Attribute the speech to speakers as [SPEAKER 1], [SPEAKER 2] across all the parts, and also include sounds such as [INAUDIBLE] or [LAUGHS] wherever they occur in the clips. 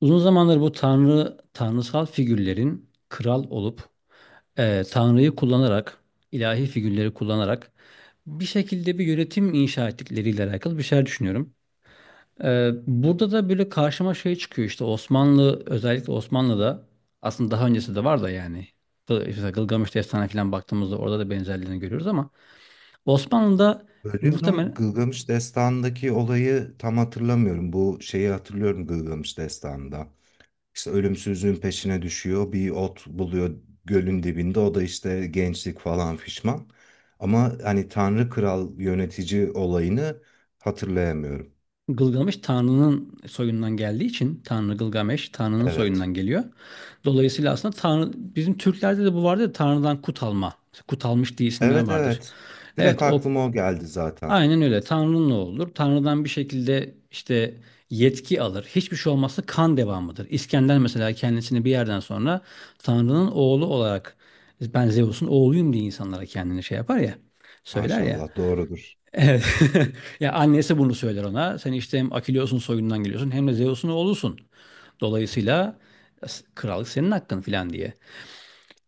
[SPEAKER 1] Uzun zamandır bu tanrı tanrısal figürlerin kral olup, tanrıyı kullanarak, ilahi figürleri kullanarak bir şekilde bir yönetim inşa ettikleriyle alakalı bir şeyler düşünüyorum. Burada da böyle karşıma şey çıkıyor, işte Osmanlı, özellikle Osmanlı'da. Aslında daha öncesi de var da, yani mesela Gılgamış Destanı falan baktığımızda orada da benzerlerini görüyoruz. Ama Osmanlı'da
[SPEAKER 2] Bölüyorum.
[SPEAKER 1] muhtemelen...
[SPEAKER 2] Gılgamış Destanı'ndaki olayı tam hatırlamıyorum. Bu şeyi hatırlıyorum Gılgamış Destanı'nda. İşte ölümsüzlüğün peşine düşüyor. Bir ot buluyor gölün dibinde. O da işte gençlik falan fişman. Ama hani Tanrı Kral yönetici olayını hatırlayamıyorum.
[SPEAKER 1] Gılgamış Tanrı'nın soyundan geldiği için Gılgameş Tanrı'nın
[SPEAKER 2] Evet.
[SPEAKER 1] soyundan geliyor. Dolayısıyla aslında Tanrı, bizim Türklerde de bu vardır ya, Tanrı'dan kut alma. Kut almış diye isimler
[SPEAKER 2] Evet
[SPEAKER 1] vardır.
[SPEAKER 2] evet.
[SPEAKER 1] Evet,
[SPEAKER 2] Direkt
[SPEAKER 1] o
[SPEAKER 2] aklıma o geldi zaten.
[SPEAKER 1] aynen öyle. Tanrı'nın ne olur, Tanrı'dan bir şekilde işte yetki alır. Hiçbir şey olmazsa kan devamıdır. İskender mesela, kendisini bir yerden sonra Tanrı'nın oğlu olarak, ben Zeus'un oğluyum diye insanlara kendini şey yapar ya söyler ya.
[SPEAKER 2] Maşallah doğrudur.
[SPEAKER 1] Evet. [LAUGHS] Ya, annesi bunu söyler ona. Sen işte hem Akileus'un soyundan geliyorsun, hem de Zeus'un oğlusun. Dolayısıyla krallık senin hakkın filan diye.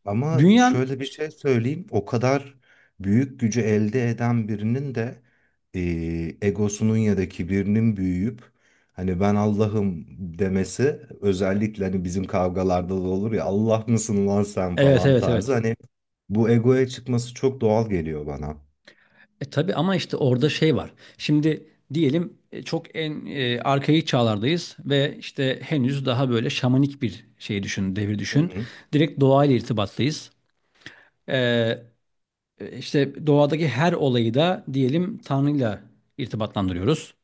[SPEAKER 2] Ama
[SPEAKER 1] Dünyan.
[SPEAKER 2] şöyle bir şey söyleyeyim. O kadar büyük gücü elde eden birinin de egosunun ya da kibirinin büyüyüp hani ben Allah'ım demesi, özellikle hani bizim kavgalarda da olur ya, Allah mısın lan sen
[SPEAKER 1] Evet,
[SPEAKER 2] falan
[SPEAKER 1] evet,
[SPEAKER 2] tarzı,
[SPEAKER 1] evet.
[SPEAKER 2] hani bu egoya çıkması çok doğal geliyor bana.
[SPEAKER 1] E tabii, ama işte orada şey var. Şimdi diyelim, çok en arkaik çağlardayız ve işte henüz daha böyle şamanik bir şey düşün, devir
[SPEAKER 2] Hı
[SPEAKER 1] düşün.
[SPEAKER 2] hı.
[SPEAKER 1] Direkt doğayla irtibattayız. E, e, işte doğadaki her olayı da diyelim Tanrı'yla irtibatlandırıyoruz.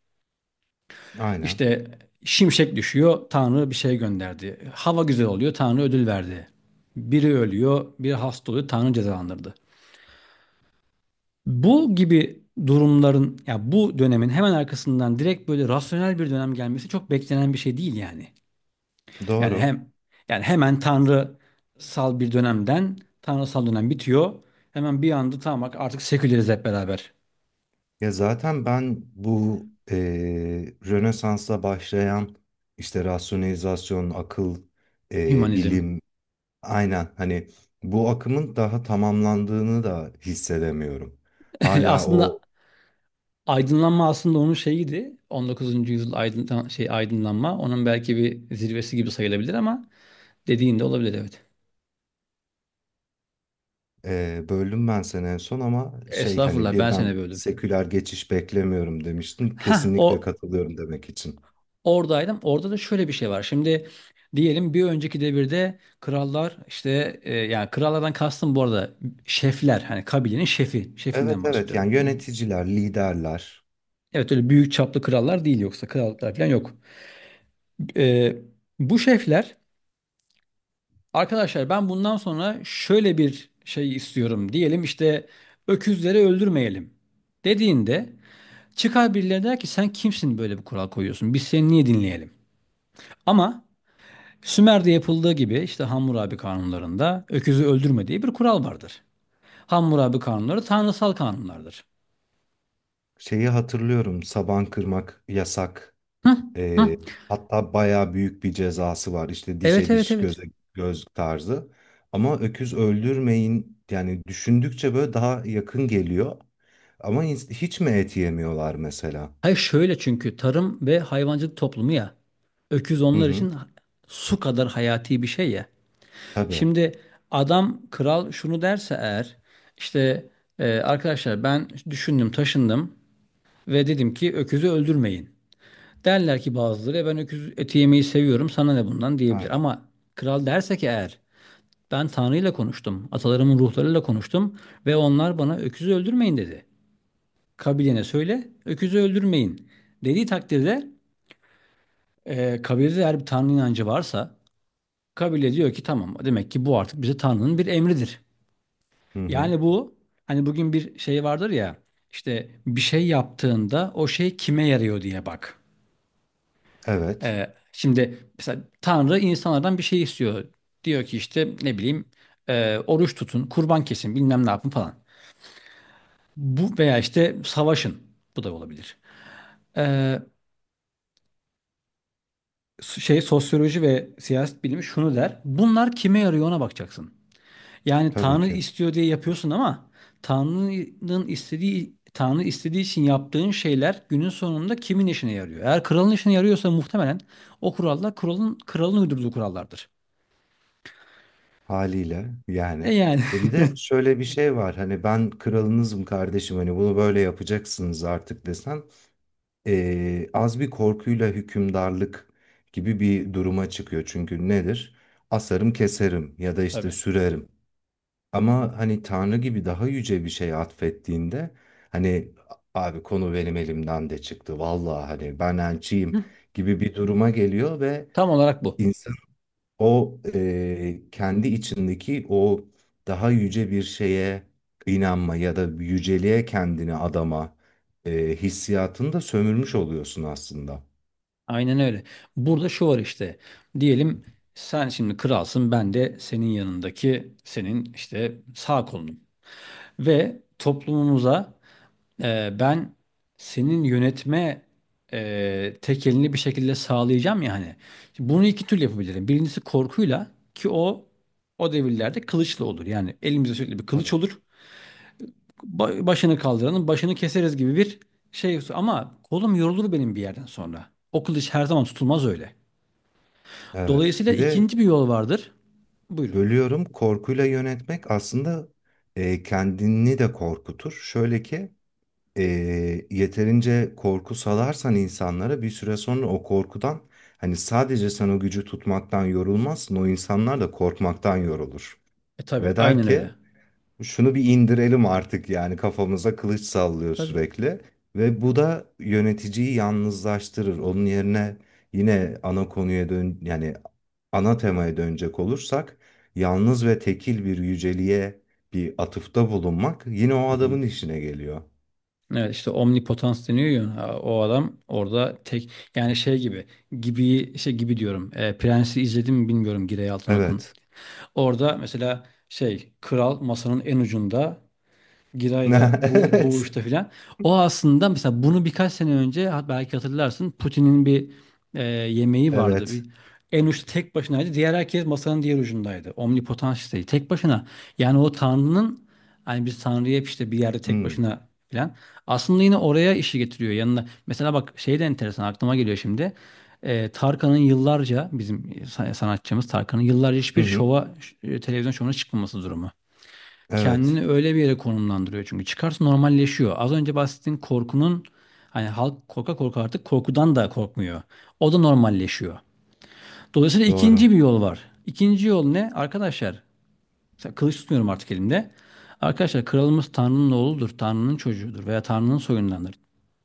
[SPEAKER 2] Aynen.
[SPEAKER 1] İşte şimşek düşüyor, Tanrı bir şey gönderdi. Hava güzel oluyor, Tanrı ödül verdi. Biri ölüyor, biri hasta oluyor, Tanrı cezalandırdı. Bu gibi durumların, ya bu dönemin hemen arkasından direkt böyle rasyonel bir dönem gelmesi çok beklenen bir şey değil, yani. Yani
[SPEAKER 2] Doğru.
[SPEAKER 1] hem, yani hemen tanrısal bir dönemden, tanrısal dönem bitiyor, hemen bir anda tamam bak artık seküleriz hep beraber.
[SPEAKER 2] Ya zaten ben bu Rönesans'la başlayan işte rasyonalizasyon, akıl,
[SPEAKER 1] Hümanizm.
[SPEAKER 2] bilim. Aynen, hani bu akımın daha tamamlandığını da hissedemiyorum.
[SPEAKER 1] [LAUGHS]
[SPEAKER 2] Hala o
[SPEAKER 1] Aslında Aydınlanma aslında onun şeyiydi. 19. yüzyıl aydınlanma. Onun belki bir zirvesi gibi sayılabilir, ama dediğin de olabilir, evet.
[SPEAKER 2] böldüm ben seni en son ama şey, hani
[SPEAKER 1] Estağfurullah, ben
[SPEAKER 2] birden
[SPEAKER 1] seni böldüm.
[SPEAKER 2] seküler geçiş beklemiyorum demiştin.
[SPEAKER 1] Ha, o
[SPEAKER 2] Kesinlikle katılıyorum demek için.
[SPEAKER 1] oradaydım. Orada da şöyle bir şey var. Şimdi diyelim, bir önceki devirde krallar işte, yani krallardan kastım bu arada şefler, hani kabilenin şefinden
[SPEAKER 2] Evet evet,
[SPEAKER 1] bahsediyorum.
[SPEAKER 2] yani yöneticiler, liderler.
[SPEAKER 1] Evet, öyle büyük çaplı krallar değil, yoksa krallıklar falan yok. E, bu şefler... Arkadaşlar, ben bundan sonra şöyle bir şey istiyorum, diyelim işte öküzleri öldürmeyelim dediğinde, çıkar birileri der ki, sen kimsin böyle bir kural koyuyorsun? Biz seni niye dinleyelim? Ama Sümer'de yapıldığı gibi, işte Hammurabi kanunlarında öküzü öldürme diye bir kural vardır. Hammurabi kanunları tanrısal kanunlardır.
[SPEAKER 2] Şeyi hatırlıyorum, saban kırmak yasak.
[SPEAKER 1] Hı,
[SPEAKER 2] Ee,
[SPEAKER 1] hı.
[SPEAKER 2] hatta bayağı büyük bir cezası var. İşte
[SPEAKER 1] Evet,
[SPEAKER 2] dişe
[SPEAKER 1] evet,
[SPEAKER 2] diş,
[SPEAKER 1] evet.
[SPEAKER 2] göze göz tarzı. Ama öküz öldürmeyin, yani düşündükçe böyle daha yakın geliyor. Ama hiç mi et yemiyorlar mesela?
[SPEAKER 1] Hayır, şöyle, çünkü tarım ve hayvancılık toplumu ya. Öküz
[SPEAKER 2] Hı
[SPEAKER 1] onlar
[SPEAKER 2] hı.
[SPEAKER 1] için su kadar hayati bir şey ya.
[SPEAKER 2] Tabii.
[SPEAKER 1] Şimdi adam, kral şunu derse eğer, işte arkadaşlar, ben düşündüm taşındım ve dedim ki öküzü öldürmeyin, derler ki bazıları, E, ben öküz eti yemeyi seviyorum, sana ne bundan, diyebilir.
[SPEAKER 2] Aynen.
[SPEAKER 1] Ama kral derse ki eğer, ben Tanrı'yla konuştum, atalarımın ruhlarıyla konuştum ve onlar bana öküzü öldürmeyin dedi, kabilene söyle öküzü öldürmeyin dediği takdirde, kabilede eğer bir Tanrı inancı varsa, kabile diyor ki, tamam, demek ki bu artık bize Tanrı'nın bir emridir.
[SPEAKER 2] Hı hı.
[SPEAKER 1] Yani bu, hani bugün bir şey vardır ya, işte bir şey yaptığında o şey kime yarıyor diye bak.
[SPEAKER 2] Evet.
[SPEAKER 1] Şimdi mesela Tanrı insanlardan bir şey istiyor, diyor ki işte ne bileyim, oruç tutun, kurban kesin, bilmem ne yapın falan. Bu, veya işte savaşın. Bu da olabilir. Ee, sosyoloji ve siyaset bilimi şunu der, bunlar kime yarıyor ona bakacaksın. Yani
[SPEAKER 2] Tabii
[SPEAKER 1] Tanrı
[SPEAKER 2] ki.
[SPEAKER 1] istiyor diye yapıyorsun, ama Tanrı istediği için yaptığın şeyler günün sonunda kimin işine yarıyor? Eğer kralın işine yarıyorsa, muhtemelen o kurallar kralın uydurduğu kurallardır.
[SPEAKER 2] Haliyle
[SPEAKER 1] E
[SPEAKER 2] yani.
[SPEAKER 1] yani.
[SPEAKER 2] Ya bir de şöyle bir şey var. Hani ben kralınızım kardeşim. Hani bunu böyle yapacaksınız artık desen, az bir korkuyla hükümdarlık gibi bir duruma çıkıyor. Çünkü nedir? Asarım keserim ya da
[SPEAKER 1] [LAUGHS]
[SPEAKER 2] işte
[SPEAKER 1] Tabii.
[SPEAKER 2] sürerim. Ama hani Tanrı gibi daha yüce bir şey atfettiğinde, hani abi konu benim elimden de çıktı. Vallahi hani ben elçiyim
[SPEAKER 1] Hı,
[SPEAKER 2] gibi bir duruma geliyor ve
[SPEAKER 1] tam olarak bu.
[SPEAKER 2] insan o kendi içindeki o daha yüce bir şeye inanma ya da yüceliğe kendini adama hissiyatını da sömürmüş oluyorsun aslında.
[SPEAKER 1] Aynen öyle. Burada şu var işte, diyelim sen şimdi kralsın, ben de senin yanındaki, senin işte sağ kolunum, ve toplumumuza... Ben senin yönetme tek elini bir şekilde sağlayacağım ya, hani. Şimdi bunu iki türlü yapabilirim. Birincisi korkuyla, ki o devirlerde kılıçla olur. Yani elimizde sürekli bir kılıç
[SPEAKER 2] Tabii.
[SPEAKER 1] olur. Başını kaldıranın başını keseriz gibi bir şey. Ama kolum yorulur benim bir yerden sonra. O kılıç her zaman tutulmaz öyle.
[SPEAKER 2] Evet.
[SPEAKER 1] Dolayısıyla
[SPEAKER 2] Bir de
[SPEAKER 1] ikinci bir yol vardır. Buyurun.
[SPEAKER 2] bölüyorum, korkuyla yönetmek aslında kendini de korkutur. Şöyle ki, e, yeterince korku salarsan insanlara, bir süre sonra o korkudan hani sadece sen o gücü tutmaktan yorulmazsın. O insanlar da korkmaktan yorulur.
[SPEAKER 1] E tabii,
[SPEAKER 2] Ve der
[SPEAKER 1] aynen öyle.
[SPEAKER 2] ki şunu bir indirelim artık, yani kafamıza kılıç sallıyor
[SPEAKER 1] Tabii.
[SPEAKER 2] sürekli, ve bu da yöneticiyi yalnızlaştırır. Onun yerine, yine ana konuya dön, yani ana temaya dönecek olursak, yalnız ve tekil bir yüceliğe bir atıfta bulunmak yine o adamın işine geliyor.
[SPEAKER 1] Evet, işte omnipotans deniyor ya, ha, o adam orada tek, yani şey gibi, gibi şey gibi diyorum, Prens'i izledim mi bilmiyorum, Girey Altınok'un.
[SPEAKER 2] Evet.
[SPEAKER 1] Orada mesela şey, kral masanın en ucunda, Giray'da bu
[SPEAKER 2] [LAUGHS]
[SPEAKER 1] uçta
[SPEAKER 2] Evet.
[SPEAKER 1] filan. O aslında mesela, bunu birkaç sene önce, belki hatırlarsın, Putin'in bir yemeği vardı. Bir,
[SPEAKER 2] Evet.
[SPEAKER 1] en uçta tek başınaydı. Diğer herkes masanın diğer ucundaydı. Omnipotansiydi. Tek başına. Yani o Tanrı'nın, hani biz Tanrı'yı hep işte bir yerde tek
[SPEAKER 2] Hmm.
[SPEAKER 1] başına filan. Aslında yine oraya işi getiriyor yanına. Mesela bak, şey de enteresan aklıma geliyor şimdi. Tarkan'ın yıllarca bizim sanatçımız Tarkan'ın yıllarca
[SPEAKER 2] Hı
[SPEAKER 1] hiçbir
[SPEAKER 2] hı.
[SPEAKER 1] şova, televizyon şovuna çıkmaması durumu,
[SPEAKER 2] Evet.
[SPEAKER 1] kendini öyle bir yere konumlandırıyor, çünkü çıkarsa normalleşiyor. Az önce bahsettiğin korkunun, hani halk korka korka artık korkudan da korkmuyor. O da normalleşiyor. Dolayısıyla
[SPEAKER 2] Doğru.
[SPEAKER 1] ikinci bir yol var. İkinci yol ne? Arkadaşlar, mesela kılıç tutmuyorum artık elimde. Arkadaşlar, kralımız Tanrı'nın oğludur, Tanrı'nın çocuğudur veya Tanrı'nın soyundandır.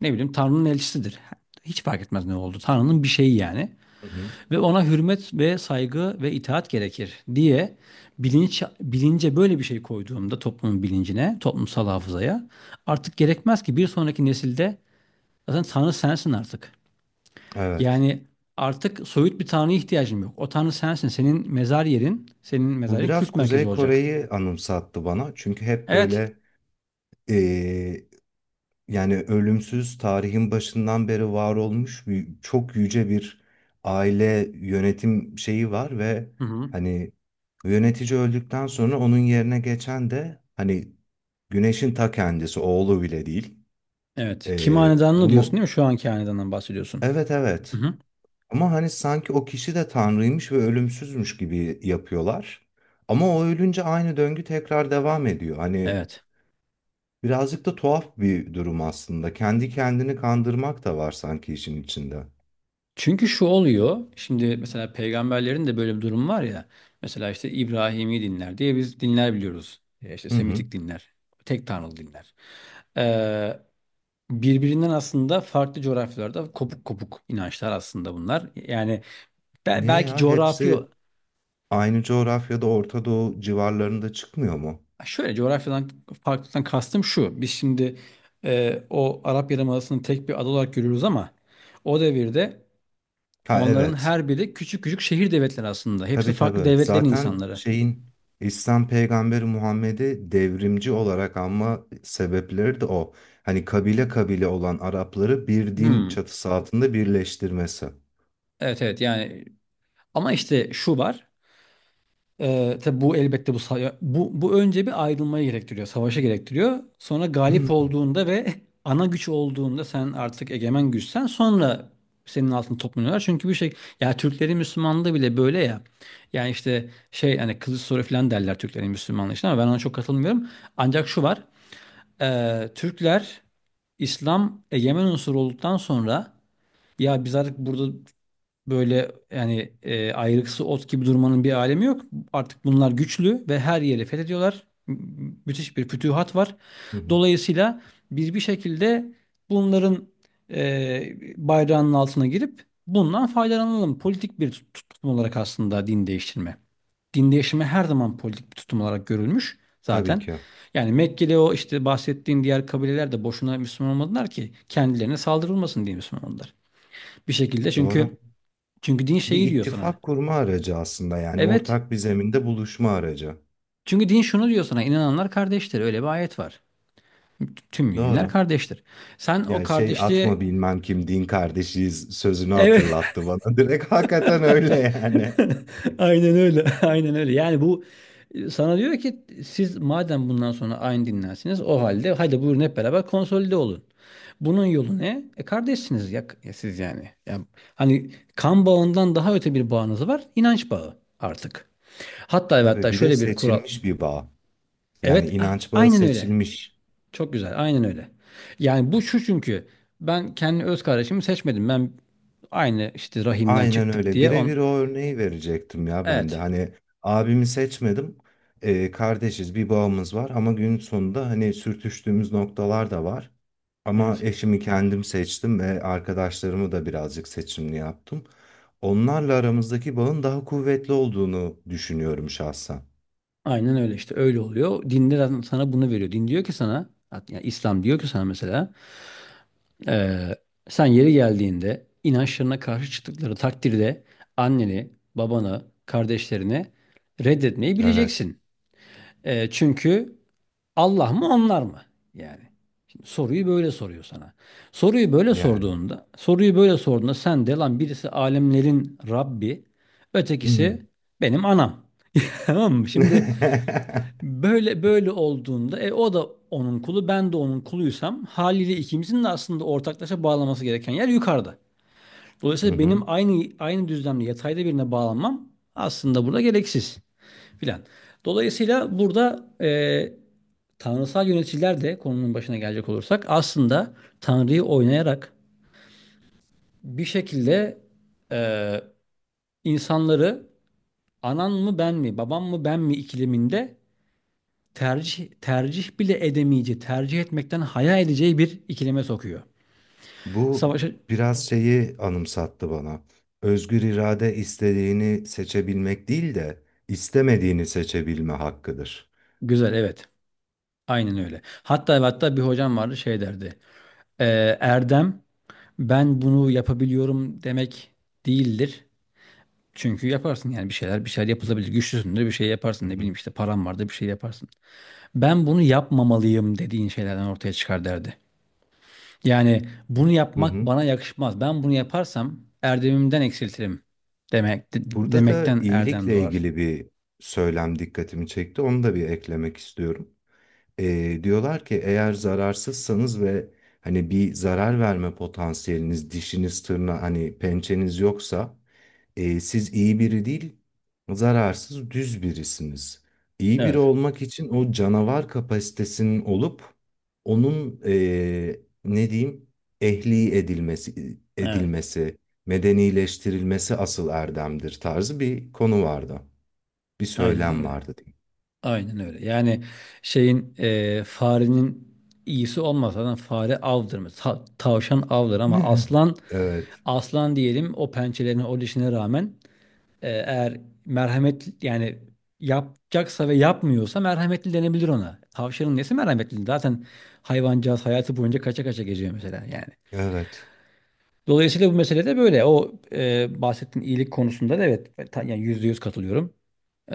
[SPEAKER 1] Ne bileyim, Tanrı'nın elçisidir. Hiç fark etmez ne oldu, Tanrı'nın bir şeyi, yani,
[SPEAKER 2] Hı hı.
[SPEAKER 1] ve ona hürmet ve saygı ve itaat gerekir diye bilinç, bilince böyle bir şey koyduğumda, toplumun bilincine, toplumsal hafızaya, artık gerekmez ki bir sonraki nesilde, zaten Tanrı sensin artık.
[SPEAKER 2] Evet.
[SPEAKER 1] Yani artık soyut bir Tanrı'ya ihtiyacım yok. O Tanrı sensin. Senin mezar yerin, senin
[SPEAKER 2] Bu
[SPEAKER 1] mezarın
[SPEAKER 2] biraz
[SPEAKER 1] kült merkezi
[SPEAKER 2] Kuzey
[SPEAKER 1] olacak.
[SPEAKER 2] Kore'yi anımsattı bana. Çünkü hep
[SPEAKER 1] Evet.
[SPEAKER 2] böyle, yani ölümsüz tarihin başından beri var olmuş bir, çok yüce bir aile yönetim şeyi var ve
[SPEAKER 1] Hı hı.
[SPEAKER 2] hani yönetici öldükten sonra onun yerine geçen de hani güneşin ta kendisi, oğlu bile değil.
[SPEAKER 1] Evet. Kim hanedanını diyorsun değil
[SPEAKER 2] Bunu
[SPEAKER 1] mi? Şu anki hanedandan bahsediyorsun.
[SPEAKER 2] evet
[SPEAKER 1] Hı
[SPEAKER 2] evet,
[SPEAKER 1] hı.
[SPEAKER 2] ama hani sanki o kişi de tanrıymış ve ölümsüzmüş gibi yapıyorlar. Ama o ölünce aynı döngü tekrar devam ediyor. Hani
[SPEAKER 1] Evet.
[SPEAKER 2] birazcık da tuhaf bir durum aslında. Kendi kendini kandırmak da var sanki işin içinde.
[SPEAKER 1] Çünkü şu oluyor. Şimdi mesela peygamberlerin de böyle bir durum var ya. Mesela işte İbrahimi dinler diye biz dinler biliyoruz. İşte
[SPEAKER 2] Hı hı.
[SPEAKER 1] Semitik dinler. Tek tanrılı dinler. Ee, birbirinden aslında farklı coğrafyalarda kopuk kopuk inançlar aslında bunlar. Yani,
[SPEAKER 2] Niye
[SPEAKER 1] belki
[SPEAKER 2] ya?
[SPEAKER 1] coğrafi...
[SPEAKER 2] Hepsi aynı coğrafyada Orta Doğu civarlarında çıkmıyor mu?
[SPEAKER 1] Şöyle, coğrafyadan farklılıktan kastım şu. Biz şimdi o Arap Yarımadası'nı tek bir ada olarak görüyoruz, ama o devirde
[SPEAKER 2] Ha
[SPEAKER 1] onların
[SPEAKER 2] evet.
[SPEAKER 1] her biri küçük küçük şehir devletleri aslında. Hepsi
[SPEAKER 2] Tabii
[SPEAKER 1] farklı
[SPEAKER 2] tabii.
[SPEAKER 1] devletlerin
[SPEAKER 2] Zaten
[SPEAKER 1] insanları.
[SPEAKER 2] şeyin, İslam peygamberi Muhammed'i devrimci olarak anma sebepleri de o. Hani kabile kabile olan Arapları bir din
[SPEAKER 1] Hmm,
[SPEAKER 2] çatısı altında birleştirmesi.
[SPEAKER 1] evet evet, yani, ama işte şu var, tabi bu elbette, bu, sa- bu bu önce bir ayrılmayı gerektiriyor, savaşa gerektiriyor, sonra galip
[SPEAKER 2] Hı
[SPEAKER 1] olduğunda ve [LAUGHS] ana güç olduğunda, sen artık egemen güçsen sonra senin altını toplanıyorlar, çünkü bir şey... Ya, Türklerin Müslümanlığı bile böyle ya. Yani işte, şey, hani kılıç soru falan derler Türklerin Müslümanlığı için, ama ben ona çok katılmıyorum. Ancak şu var, Türkler İslam egemen unsur olduktan sonra, ya biz artık burada böyle, yani, ayrıksı ot gibi durmanın bir alemi yok. Artık bunlar güçlü ve her yeri fethediyorlar. Müthiş bir fütühat var.
[SPEAKER 2] hı.
[SPEAKER 1] Dolayısıyla biz bir şekilde bunların bayrağının altına girip bundan faydalanalım. Politik bir tutum olarak aslında, din değiştirme. Din değiştirme her zaman politik bir tutum olarak görülmüş
[SPEAKER 2] Tabii
[SPEAKER 1] zaten.
[SPEAKER 2] ki.
[SPEAKER 1] Yani Mekke'de o, işte bahsettiğin diğer kabileler de boşuna Müslüman olmadılar, ki kendilerine saldırılmasın diye Müslüman oldular. Bir şekilde,
[SPEAKER 2] Doğru.
[SPEAKER 1] çünkü din
[SPEAKER 2] Bir
[SPEAKER 1] şeyi diyor sana.
[SPEAKER 2] ittifak kurma aracı aslında, yani
[SPEAKER 1] Evet.
[SPEAKER 2] ortak bir zeminde buluşma aracı.
[SPEAKER 1] Çünkü din şunu diyor sana. İnananlar kardeştir. Öyle bir ayet var. Tüm müminler
[SPEAKER 2] Doğru.
[SPEAKER 1] kardeştir. Sen o
[SPEAKER 2] Yani şey,
[SPEAKER 1] kardeşliğe...
[SPEAKER 2] atma bilmem kim din kardeşiyiz sözünü
[SPEAKER 1] Evet.
[SPEAKER 2] hatırlattı bana. [LAUGHS] Direkt hakikaten öyle yani.
[SPEAKER 1] [LAUGHS] Aynen öyle. [LAUGHS] Aynen öyle. Yani bu, sana diyor ki, siz madem bundan sonra aynı dinlensiniz, o halde hadi buyurun hep beraber konsolide olun. Bunun yolu ne? E, kardeşsiniz ya, ya siz, yani. Ya, hani kan bağından daha öte bir bağınız var. İnanç bağı artık. Hatta ve hatta
[SPEAKER 2] Tabii bir de
[SPEAKER 1] şöyle bir kural.
[SPEAKER 2] seçilmiş bir bağ. Yani
[SPEAKER 1] Evet, ah,
[SPEAKER 2] inanç bağı
[SPEAKER 1] aynen öyle.
[SPEAKER 2] seçilmiş.
[SPEAKER 1] Çok güzel. Aynen öyle. Yani bu şu, çünkü ben kendi öz kardeşimi seçmedim. Ben aynı işte rahimden
[SPEAKER 2] Aynen
[SPEAKER 1] çıktık
[SPEAKER 2] öyle.
[SPEAKER 1] diye on...
[SPEAKER 2] Birebir o örneği verecektim ya ben de.
[SPEAKER 1] Evet.
[SPEAKER 2] Hani abimi seçmedim. Kardeşiz, bir bağımız var ama gün sonunda hani sürtüştüğümüz noktalar da var. Ama
[SPEAKER 1] Evet.
[SPEAKER 2] eşimi kendim seçtim ve arkadaşlarımı da birazcık seçimli yaptım. Onlarla aramızdaki bağın daha kuvvetli olduğunu düşünüyorum şahsen.
[SPEAKER 1] Aynen öyle, işte öyle oluyor. Dinde zaten sana bunu veriyor. Din diyor ki sana, yani İslam diyor ki sana mesela, eee, sen yeri geldiğinde inançlarına karşı çıktıkları takdirde anneni, babanı, kardeşlerini reddetmeyi
[SPEAKER 2] Evet.
[SPEAKER 1] bileceksin. Çünkü Allah mı, onlar mı? Yani. Soruyu böyle soruyor sana. Soruyu böyle
[SPEAKER 2] Yani.
[SPEAKER 1] sorduğunda, soruyu böyle sorduğunda sen de lan, birisi alemlerin Rabbi, ötekisi benim anam. [LAUGHS] Tamam mı? Şimdi
[SPEAKER 2] [LAUGHS]
[SPEAKER 1] böyle, böyle olduğunda o da onun kulu, ben de onun kuluysam, haliyle ikimizin de aslında ortaklaşa bağlaması gereken yer yukarıda.
[SPEAKER 2] Hı
[SPEAKER 1] Dolayısıyla
[SPEAKER 2] hı.
[SPEAKER 1] benim aynı düzlemde yatayda birine bağlanmam aslında burada gereksiz filan. Dolayısıyla burada tanrısal yöneticiler de, konunun başına gelecek olursak, aslında Tanrı'yı oynayarak bir şekilde e, insanları anan mı ben mi, babam mı ben mi ikileminde, tercih bile edemeyeceği, tercih etmekten haya edeceği bir ikileme sokuyor.
[SPEAKER 2] Bu
[SPEAKER 1] Savaşa...
[SPEAKER 2] biraz şeyi anımsattı bana. Özgür irade istediğini seçebilmek değil de istemediğini seçebilme hakkıdır.
[SPEAKER 1] Güzel, evet, aynen öyle. Hatta ve hatta bir hocam vardı, şey derdi. E, Erdem, ben bunu yapabiliyorum demek değildir. Çünkü yaparsın, yani bir şeyler yapılabilir. Güçlüsündür, bir şey
[SPEAKER 2] Hı
[SPEAKER 1] yaparsın, ne
[SPEAKER 2] hı.
[SPEAKER 1] bileyim işte param vardı, bir şey yaparsın. Ben bunu yapmamalıyım dediğin şeylerden ortaya çıkar derdi. Yani, bunu
[SPEAKER 2] Hı
[SPEAKER 1] yapmak
[SPEAKER 2] hı.
[SPEAKER 1] bana yakışmaz, ben bunu yaparsam erdemimden eksiltirim demek de-
[SPEAKER 2] Burada da
[SPEAKER 1] demekten erdem
[SPEAKER 2] iyilikle
[SPEAKER 1] doğar.
[SPEAKER 2] ilgili bir söylem dikkatimi çekti. Onu da bir eklemek istiyorum. Diyorlar ki eğer zararsızsanız ve hani bir zarar verme potansiyeliniz, dişiniz, hani pençeniz yoksa, e, siz iyi biri değil, zararsız düz birisiniz. İyi biri
[SPEAKER 1] Evet.
[SPEAKER 2] olmak için o canavar kapasitesinin olup onun, ne diyeyim, ehli
[SPEAKER 1] Evet.
[SPEAKER 2] edilmesi, medenileştirilmesi asıl erdemdir tarzı bir konu vardı. Bir
[SPEAKER 1] Aynen
[SPEAKER 2] söylem
[SPEAKER 1] öyle.
[SPEAKER 2] vardı diyeyim.
[SPEAKER 1] Aynen öyle. Yani şeyin, farenin iyisi olmaz. Zaten fare avdır. Tavşan avdır, ama
[SPEAKER 2] [LAUGHS]
[SPEAKER 1] aslan,
[SPEAKER 2] Evet,
[SPEAKER 1] aslan diyelim, o pençelerine o dişine rağmen... Eğer merhamet, yani, yapacaksa ve yapmıyorsa merhametli denebilir ona. Tavşanın nesi merhametli? Zaten hayvancağız hayatı boyunca kaça kaça geziyor mesela, yani.
[SPEAKER 2] evet,
[SPEAKER 1] Dolayısıyla bu mesele de böyle. O bahsettiğin iyilik konusunda da evet, yani %100 katılıyorum. Ee,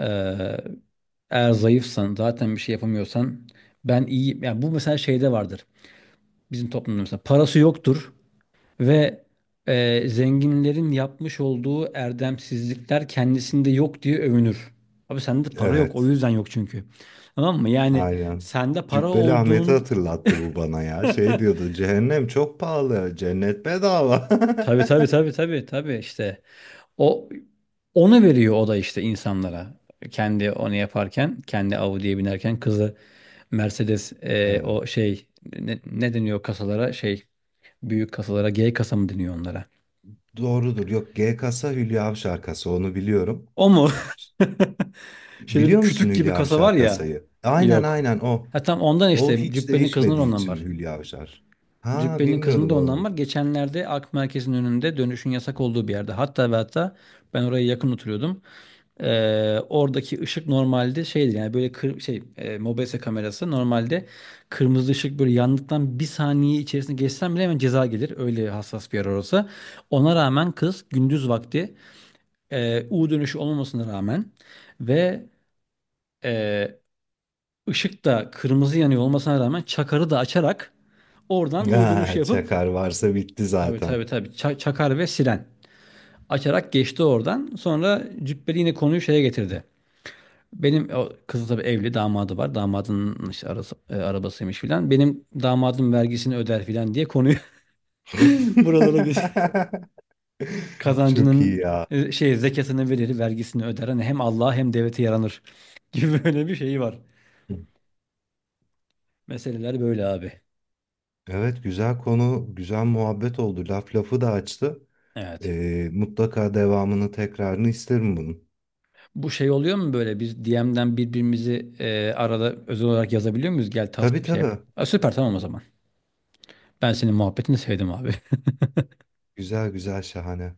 [SPEAKER 1] eğer zayıfsan, zaten bir şey yapamıyorsan, ben iyi, yani, bu mesela şeyde vardır. Bizim toplumda mesela parası yoktur, ve zenginlerin yapmış olduğu erdemsizlikler kendisinde yok diye övünür. Abi, sende para yok o
[SPEAKER 2] evet.
[SPEAKER 1] yüzden yok çünkü. Tamam mı? Yani
[SPEAKER 2] Aynen.
[SPEAKER 1] sende para
[SPEAKER 2] Cübbeli Ahmet'i
[SPEAKER 1] olduğun...
[SPEAKER 2] hatırlattı bu bana ya. Şey
[SPEAKER 1] [LAUGHS]
[SPEAKER 2] diyordu, cehennem çok pahalı, cennet bedava.
[SPEAKER 1] Tabii, tabii, tabii, tabii, tabii, işte o, onu veriyor o da işte insanlara. Kendi onu yaparken, kendi Audi'ye binerken kızı Mercedes,
[SPEAKER 2] [LAUGHS]
[SPEAKER 1] o
[SPEAKER 2] Evet.
[SPEAKER 1] şey, ne deniyor kasalara, şey, büyük kasalara, G kasa mı deniyor onlara?
[SPEAKER 2] Doğrudur. Yok, G kasa, Hülya Avşar kasa onu biliyorum.
[SPEAKER 1] O mu? [LAUGHS] Şöyle bir
[SPEAKER 2] Biliyor musun
[SPEAKER 1] kütük gibi
[SPEAKER 2] Hülya
[SPEAKER 1] kasa var
[SPEAKER 2] Avşar
[SPEAKER 1] ya.
[SPEAKER 2] kasayı? Aynen
[SPEAKER 1] Yok.
[SPEAKER 2] aynen o.
[SPEAKER 1] Ha, tam ondan
[SPEAKER 2] O
[SPEAKER 1] işte,
[SPEAKER 2] hiç
[SPEAKER 1] Cübbeli'nin kızının
[SPEAKER 2] değişmediği
[SPEAKER 1] ondan
[SPEAKER 2] için
[SPEAKER 1] var.
[SPEAKER 2] Hülya Avşar. Ha,
[SPEAKER 1] Cübbeli'nin kızının
[SPEAKER 2] bilmiyordum
[SPEAKER 1] da ondan
[SPEAKER 2] oğlum.
[SPEAKER 1] var, geçenlerde Ak Merkez'in önünde dönüşün yasak olduğu bir yerde. Hatta ve hatta ben oraya yakın oturuyordum. Oradaki ışık normalde şeydi, yani böyle mobese kamerası normalde, kırmızı ışık böyle yandıktan bir saniye içerisinde geçsen bile hemen ceza gelir. Öyle hassas bir yer orası. Ona rağmen kız gündüz vakti, U dönüşü olmamasına rağmen ve e, ışık da kırmızı yanıyor olmasına rağmen, çakarı da açarak oradan
[SPEAKER 2] Ya
[SPEAKER 1] U dönüşü
[SPEAKER 2] [LAUGHS]
[SPEAKER 1] yapıp...
[SPEAKER 2] çakar varsa bitti
[SPEAKER 1] Tabii,
[SPEAKER 2] zaten.
[SPEAKER 1] tabii, tabii, çakar ve siren açarak geçti oradan. Sonra Cübbeli yine konuyu şeye getirdi. Benim o kızı, tabii, evli, damadı var. Damadının işte arabasıymış filan. Benim damadım vergisini öder filan diye konuyu [LAUGHS] buralara geç.
[SPEAKER 2] [LAUGHS] Çok iyi
[SPEAKER 1] Kazancının
[SPEAKER 2] ya.
[SPEAKER 1] zekatını verir, vergisini öder, hani hem Allah'a hem devlete yaranır [LAUGHS] gibi böyle bir şeyi var. Meseleler böyle, abi.
[SPEAKER 2] Evet, güzel konu, güzel muhabbet oldu. Laf lafı da açtı.
[SPEAKER 1] Evet.
[SPEAKER 2] Mutlaka devamını, tekrarını isterim bunun.
[SPEAKER 1] Bu şey oluyor mu, böyle bir DM'den birbirimizi arada özel olarak yazabiliyor muyuz? Gel
[SPEAKER 2] Tabii
[SPEAKER 1] task şey yap.
[SPEAKER 2] tabii.
[SPEAKER 1] Ha, süper, tamam o zaman. Ben senin muhabbetini sevdim, abi. [LAUGHS]
[SPEAKER 2] Güzel güzel, şahane.